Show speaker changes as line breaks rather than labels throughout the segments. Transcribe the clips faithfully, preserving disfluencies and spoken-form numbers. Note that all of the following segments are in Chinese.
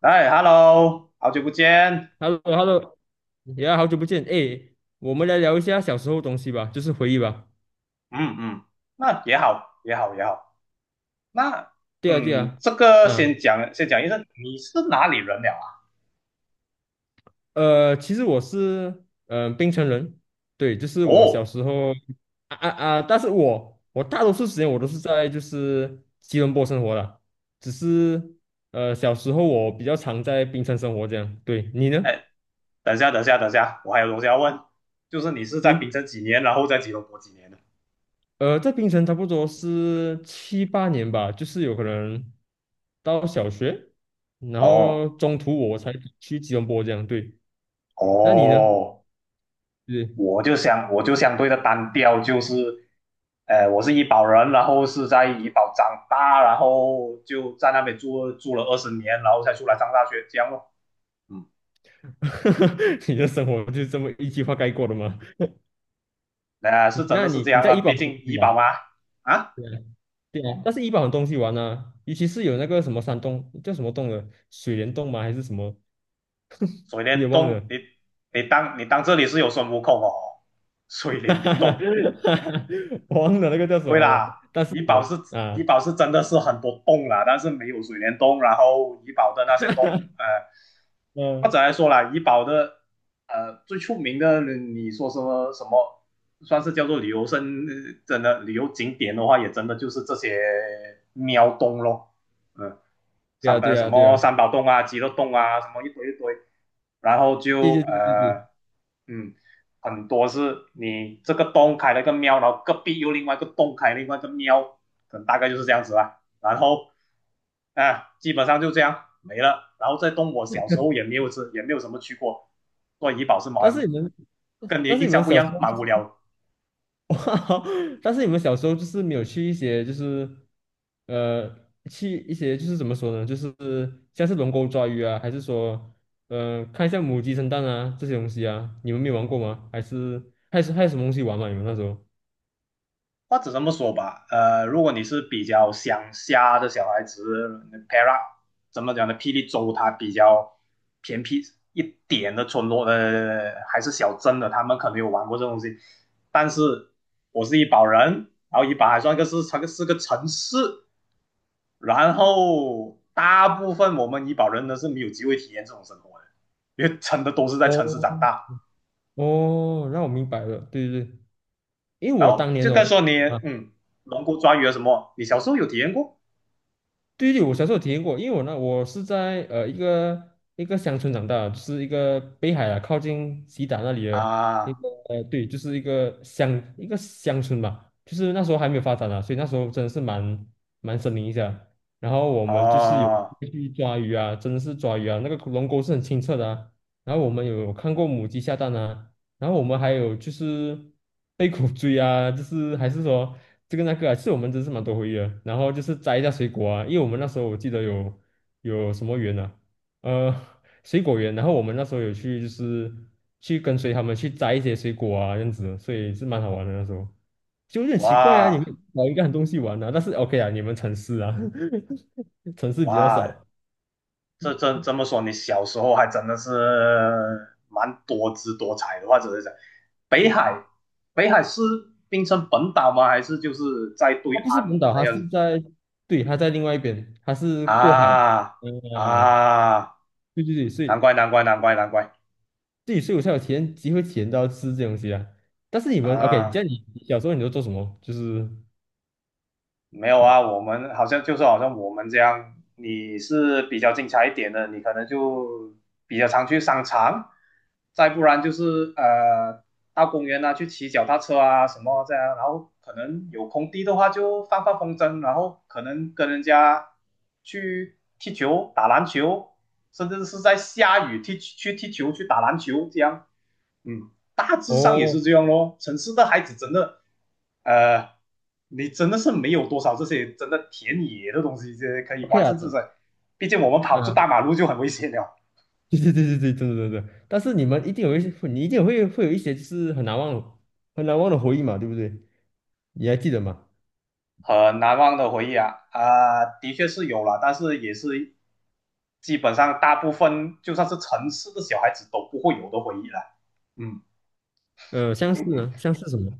哎，Hello，好久不见。
Hello,Hello,呀，好久不见，哎，我们来聊一下小时候的东西吧，就是回忆吧。
嗯嗯，那也好，也好，也好。那
对啊，对
嗯，
啊，
这个先
嗯，
讲，先讲一声，你是哪里人了啊？
呃，其实我是嗯、冰城人，对，就是我小
哦，
时候啊啊啊，但是我我大多数时间我都是在就是吉隆坡生活的，只是呃小时候我比较常在冰城生活这样。对，你呢？
哎，等一下，等一下，等一下，我还有东西要问，就是你是在
对，
槟城几年，然后在吉隆坡几年的？
呃，在槟城差不多是七八年吧，就是有可能到小学，然
哦
后中途我才去吉隆坡这样。对，那你呢？
哦，
是，
我就相我就相对的单调，就是呃，我是怡保人，然后是在怡保长大，然后就在那边住住了二十年，然后才出来上大学，这样咯。嗯。
你的生活就是这么一句话概括的吗？
呃，是 真
那
的是这
你你
样
在
啊，
怡保
毕
出
竟
去
医保
玩？
嘛。啊，
对啊，对啊，但是怡保很东西玩啊，尤其是有那个什么山洞叫什么洞的，水帘洞吗？还是什么？
水
有
帘
点忘
洞，
了。
你你当你当这里是有孙悟空哦？水
哈
帘
哈哈
洞。
我忘了那个叫什
对
么了。
啦，
但是
医保
我
是医
啊，
保是真的是很多洞啦，但是没有水帘洞。然后医保的那些洞，呃，或
嗯，
者来说啦，医保的呃最出名的，你说什么什么？算是叫做旅游生，呃真的旅游景点的话，也真的就是这些喵洞咯。嗯，
对
三
啊，
呃
对
什
啊，对
么
啊，
三宝洞啊、鸡肉洞啊，什么一堆一堆，然后
对
就
对对对对。
呃嗯，很多是你这个洞开了一个庙，然后隔壁又另外一个洞开另外一个庙，可能大概就是这样子啦。然后啊，基本上就这样没了。然后这洞我小时候也 没有吃，也没有什么去过，做怡保是
但
蛮
是你们，
跟你的
但是
印
你们
象不一
小时
样，
候，
蛮无聊的。
哇但是你们小时候就是没有去一些，就是呃，去一些就是怎么说呢，就是像是龙沟抓鱼啊，还是说，呃，看一下母鸡生蛋啊这些东西啊，你们没有玩过吗？还是还是还有什么东西玩吗？你们那时候？
或者这么说吧，呃，如果你是比较乡下的小孩子，Para 怎么讲呢？霹雳州它比较偏僻一点的村落呃，还是小镇的，他们可能有玩过这东西。但是我是怡保人，然后怡保还算个是它个是个城市，然后大部分我们怡保人呢是没有机会体验这种生活的，因为真的都是在城市
哦
长大。
哦，那我明白了，对对对，因为
然
我
后
当年
就再
哦。
说你，
啊。
嗯，龙骨抓鱼啊什么，你小时候有体验过
对对，我小时候有体验过，因为我呢，我是在呃一个一个乡村长大的就是一个北海啊，靠近西达那里的一
啊？
个呃，对，就是一个乡一个乡村吧，就是那时候还没有发展啊，所以那时候真的是蛮蛮森林一下。然后我们就是有
哦，
去抓鱼啊，真的是抓鱼啊，那个龙沟是很清澈的啊。然后我们有看过母鸡下蛋啊，然后我们还有就是 被狗追啊，就是还是说这个那个啊，其实我们真是蛮多回忆的。然后就是摘一下水果啊，因为我们那时候我记得有有什么园啊，呃，水果园。然后我们那时候有去就是去跟随他们去摘一些水果啊，这样子，所以是蛮好玩的那时候。就有点奇怪啊，你们
哇
找一个很东西玩啊，但是 OK 啊，你们城市啊，城市比较
哇，
少。
这这这么说，你小时候还真的是蛮多姿多彩的。或者是讲北海，北海是冰城本岛吗？还是就是在对
它不是
岸
本岛，
那
它
样
是
子？
在，对，它在另外一边，它是过海。
啊
嗯，
啊，
对对对，所
难
以
怪难怪难怪难怪。
自己以我才有体验机会体验到吃这东西啊。但是你们 OK，这
啊！
样你你小时候你都做什么？就是
没有啊，我们好像就是好像我们这样，你是比较精彩一点的，你可能就比较常去商场，再不然就是呃到公园啊去骑脚踏车啊什么这样，然后可能有空地的话就放放风筝，然后可能跟人家去踢球、打篮球，甚至是在下雨踢去踢球、去打篮球这样。嗯，大致上也是这
哦
样咯。城市的孩子真的，呃，你真的是没有多少这些真的田野的东西，这些可以
，OK
玩，
啊，
甚至在，毕竟我们跑出
嗯，
大马路就很危险了。
对对对对对，真的真的。真的但是你们一定有一些，你一定会会有一些就是很难忘的很难忘的回忆嘛，对不对？你还记得吗？
很难忘的回忆啊，啊、的确是有了，但是也是基本上大部分就算是城市的小孩子都不会有的回忆了。嗯。
呃，相似呢，相似什么？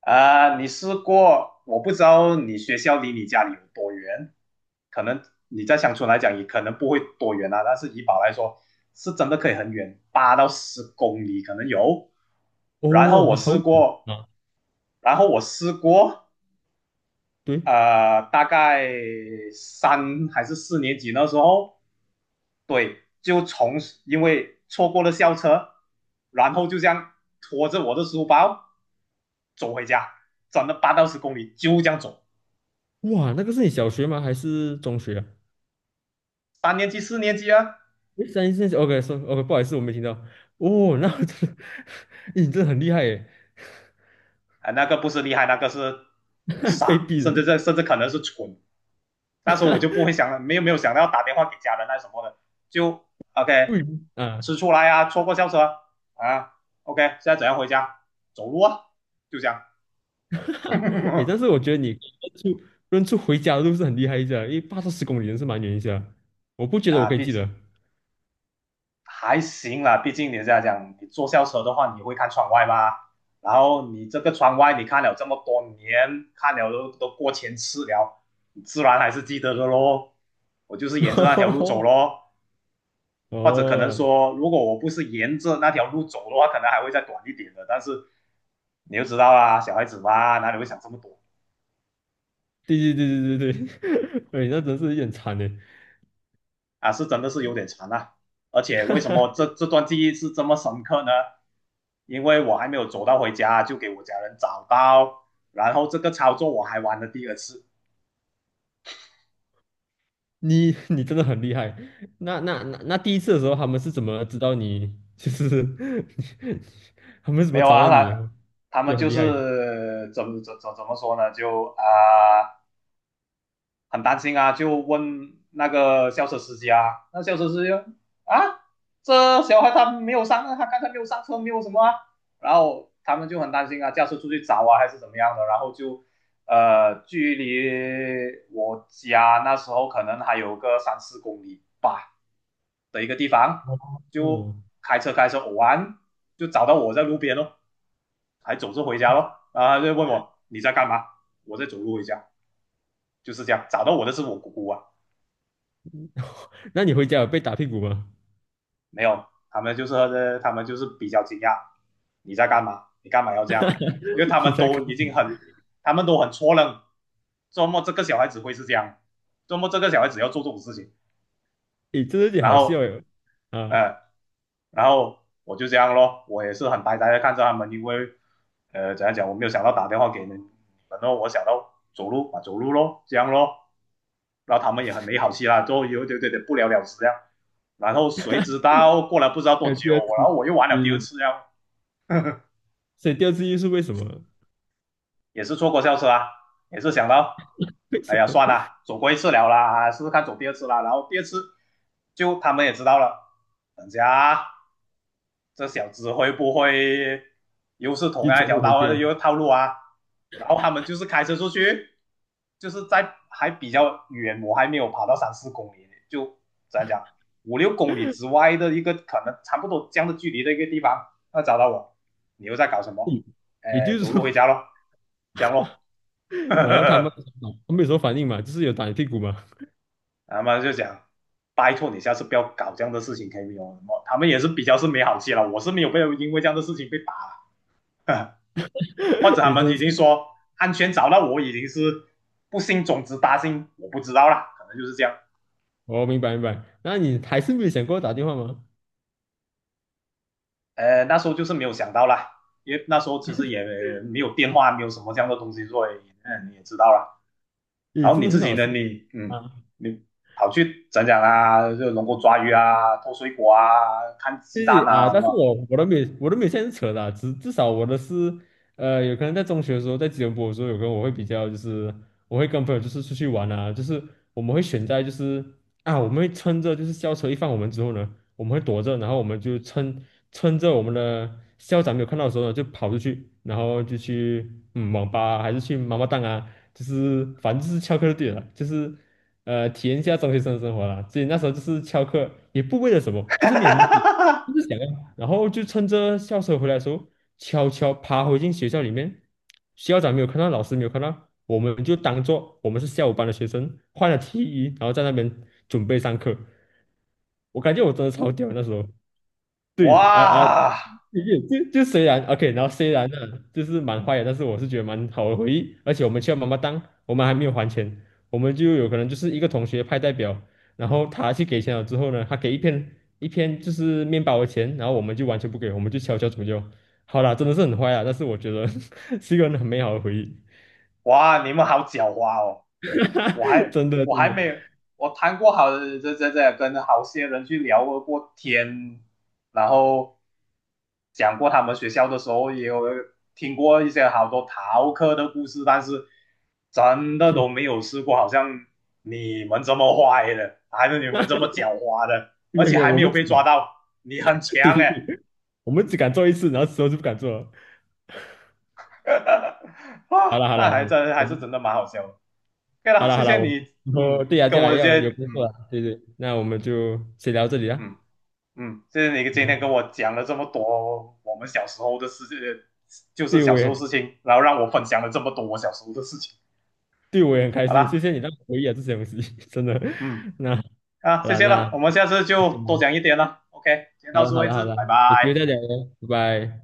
啊、呃你试过？我不知道你学校离你家里有多远，可能你在乡村来讲也可能不会多远啊，但是怡保来说是真的可以很远，八到十公里可能有。然后
哦，
我
好
试
久
过，
啊，
然后我试过，
对，
呃，大概三还是四年级那时候，对，就从因为错过了校车，然后就这样拖着我的书包走回家，转了八到十公里，就这样走。
哇，那个是你小学吗？还是中学啊？
三年级、四年级啊，
诶三一三四，OK，说 OK，不好意思，我没听到。哦，那我真的 诶你真的很厉害耶，
啊，那个不是厉害，那个是
被
傻，
逼
甚
的。
至这甚至可能是蠢。那时候我就不会想了，没有没有想到要打电话给家人那什么的，就 OK
对啊，
吃出来啊，错过校车啊，OK 现在怎样回家？走路啊，就这样。
诶，但是 我觉得你认出认出回家的路是很厉害一下，因为八到十公里真是蛮远一下，我不觉得我
那
可以
毕
记
竟
得。
还行啦，毕竟你这样讲，你坐校车的话，你会看窗外吧？然后你这个窗外，你看了这么多年，看了都都过千次了，你自然还是记得的咯，我就是沿着那条路走 咯。或者可能
哦，
说，如果我不是沿着那条路走的话，可能还会再短一点的。但是你就知道啊，小孩子嘛，哪里会想这么多
对对对对对对，哎，那真是有点惨呢。
啊？是真的是有点长啊。而且为什么这这段记忆是这么深刻呢？因为我还没有走到回家，就给我家人找到，然后这个操作我还玩了第二次。
你你真的很厉害。那那那那第一次的时候，他们是怎么知道你？就是 他们是怎
没
么
有
找
啊，
到你的？
他他们
就很
就
厉害。
是怎么怎怎怎么说呢？就啊、呃很担心啊，就问那个校车司机啊，那校车司机啊，这小孩他没有上，他刚才没有上车，没有什么啊，然后他们就很担心啊，驾车出去找啊还是怎么样的，然后就呃，距离我家那时候可能还有个三四公里吧的一个地方，
哦，
就
嗯
开车开车偶然就找到我在路边咯，还走着回家咯，然后他就问我你在干嘛，我在走路回家，就是这样，找到我的是我姑姑啊。
那你回家有被打屁股吗？
没有，他们就是呃他们就是比较惊讶，你在干嘛？你干嘛要这样？因为他
你
们
在
都
看，
已经很，他们都很错愣，周末这个小孩子会是这样，周末这个小孩子要做这种事情。
诶，真的有点
然
好
后，
笑哟。啊，
呃，然后我就这样咯，我也是很呆呆的看着他们，因为，呃，怎样讲，我没有想到打电话给你们，然后我想到走路啊走路咯，这样咯。然后他们也很没好气啦，就有点点点不了了之这样。然后谁知道过了不知道多
还有第
久，
二
然
次，
后我又玩了
对
第二
对
次呀，
所以第二次就是为什么？
也是错过校车啊，也是想到，
为
哎
什
呀
么
算了，走过一次了啦，试试看走第二次啦。然后第二次就他们也知道了，等下这小子会不会又是同
一
样一
走
条
路回
道
家？
啊，又套路啊？然后他们就是开车出去，就是在还比较远，我还没有跑到三四公里，就怎样讲五六公里之外的一个可能差不多这样的距离的一个地方，他找到我，你又在搞什么？
嗯，也
哎，
就是
走
说，
路回家咯，这样咯。
然后他们 他们有什么反应嘛，就是有打你屁股嘛。
他们就讲，拜托你下次不要搞这样的事情，可以用什么？他们也是比较是没好气了，我是没有被因为这样的事情被打。或者 他
你
们
真的
已
是，
经说安全找到我已经是不幸种子大幸，我不知道啦，可能就是这样。
哦，明白明白。那你还是没有想过打电话吗？
呃，那时候就是没有想到啦，因为那时候其实也没有电话，没有什么这样的东西，所以嗯你也知道啦。
你
然后
真
你
的很
自己
好笑
呢，你嗯
啊。
你跑去讲讲啊，就能够抓鱼啊，偷水果啊，看鸡
谢谢
蛋
啊，
啊什
但是
么。
我我都没有我都没有现在是扯的只至至少我的是，呃，有可能在中学的时候，在吉隆坡的时候，有可能我会比较就是，我会跟朋友就是出去玩啊，就是我们会选在就是啊，我们会趁着就是校车一放我们之后呢，我们会躲着，然后我们就趁趁着我们的校长没有看到的时候呢，就跑出去，然后就去嗯网吧啊还是去妈妈档啊，就是反正就是翘课就对了，就是。呃，体验一下中学生的生活啦。所以那时候就是翘课，也不为了什 么，就
哈
是没有
哈
目的。就
哈
是想要，然后就趁着校车回来的时候，悄悄爬回进学校里面。校长没有看到，老师没有看到，我们就当做我们是下午班的学生，换了 T 衣，然后在那边准备上课。我感觉我真的超屌那时候。对，啊啊，
哇！
也就就虽然 OK，然后虽然呢，就是蛮坏的，但是我是觉得蛮好的回忆。而且我们去了妈妈当我们还没有还钱，我们就有可能就是一个同学派代表，然后他去给钱了之后呢，他给一片一片就是面包的钱，然后我们就完全不给，我们就悄悄怎么就好啦，真的是很坏啊，但是我觉得 是一个很美好的回忆，
哇，你们好狡猾哦！我 还
真的
我
真
还
的。
没有，我谈过好这这这跟好些人去聊过天，然后讲过他们学校的时候，也有听过一些好多逃课的故事，但是真的都没有试过，好像你们这么坏的，还是你们这么狡猾的，
没
而
有
且
没有，
还
我
没有
们只
被
敢，
抓到，你很
对
强
对
哎！
对，我们只敢做一次，然后之后就不敢做了。
啊，
好了好
那
了，
还真
我
还是
们
真的蛮好笑的。对以
好
了，
了
谢
好了，
谢
我
你，
以后
嗯，
对呀
跟
对呀，
我这
要
些，
有工作
嗯
了，对对，那我们就先聊这里啦。
嗯嗯，谢谢你今天跟
嗯，
我讲了这么多我们小时候的事情，就是
对
小
我
时候
也
事情，然后让我分享了这么多我小时候的事情。
对我也很开
好
心，谢
啦，
谢你让我回忆了这些东西，真的。
嗯
那好
啊，谢
了，
谢
那
了，我们下次
谢
就
谢
多
啦，
讲一点了。OK，今天
好
到
了
此
好
为
了好
止，
了，
拜
有机会
拜。
再聊咯拜拜。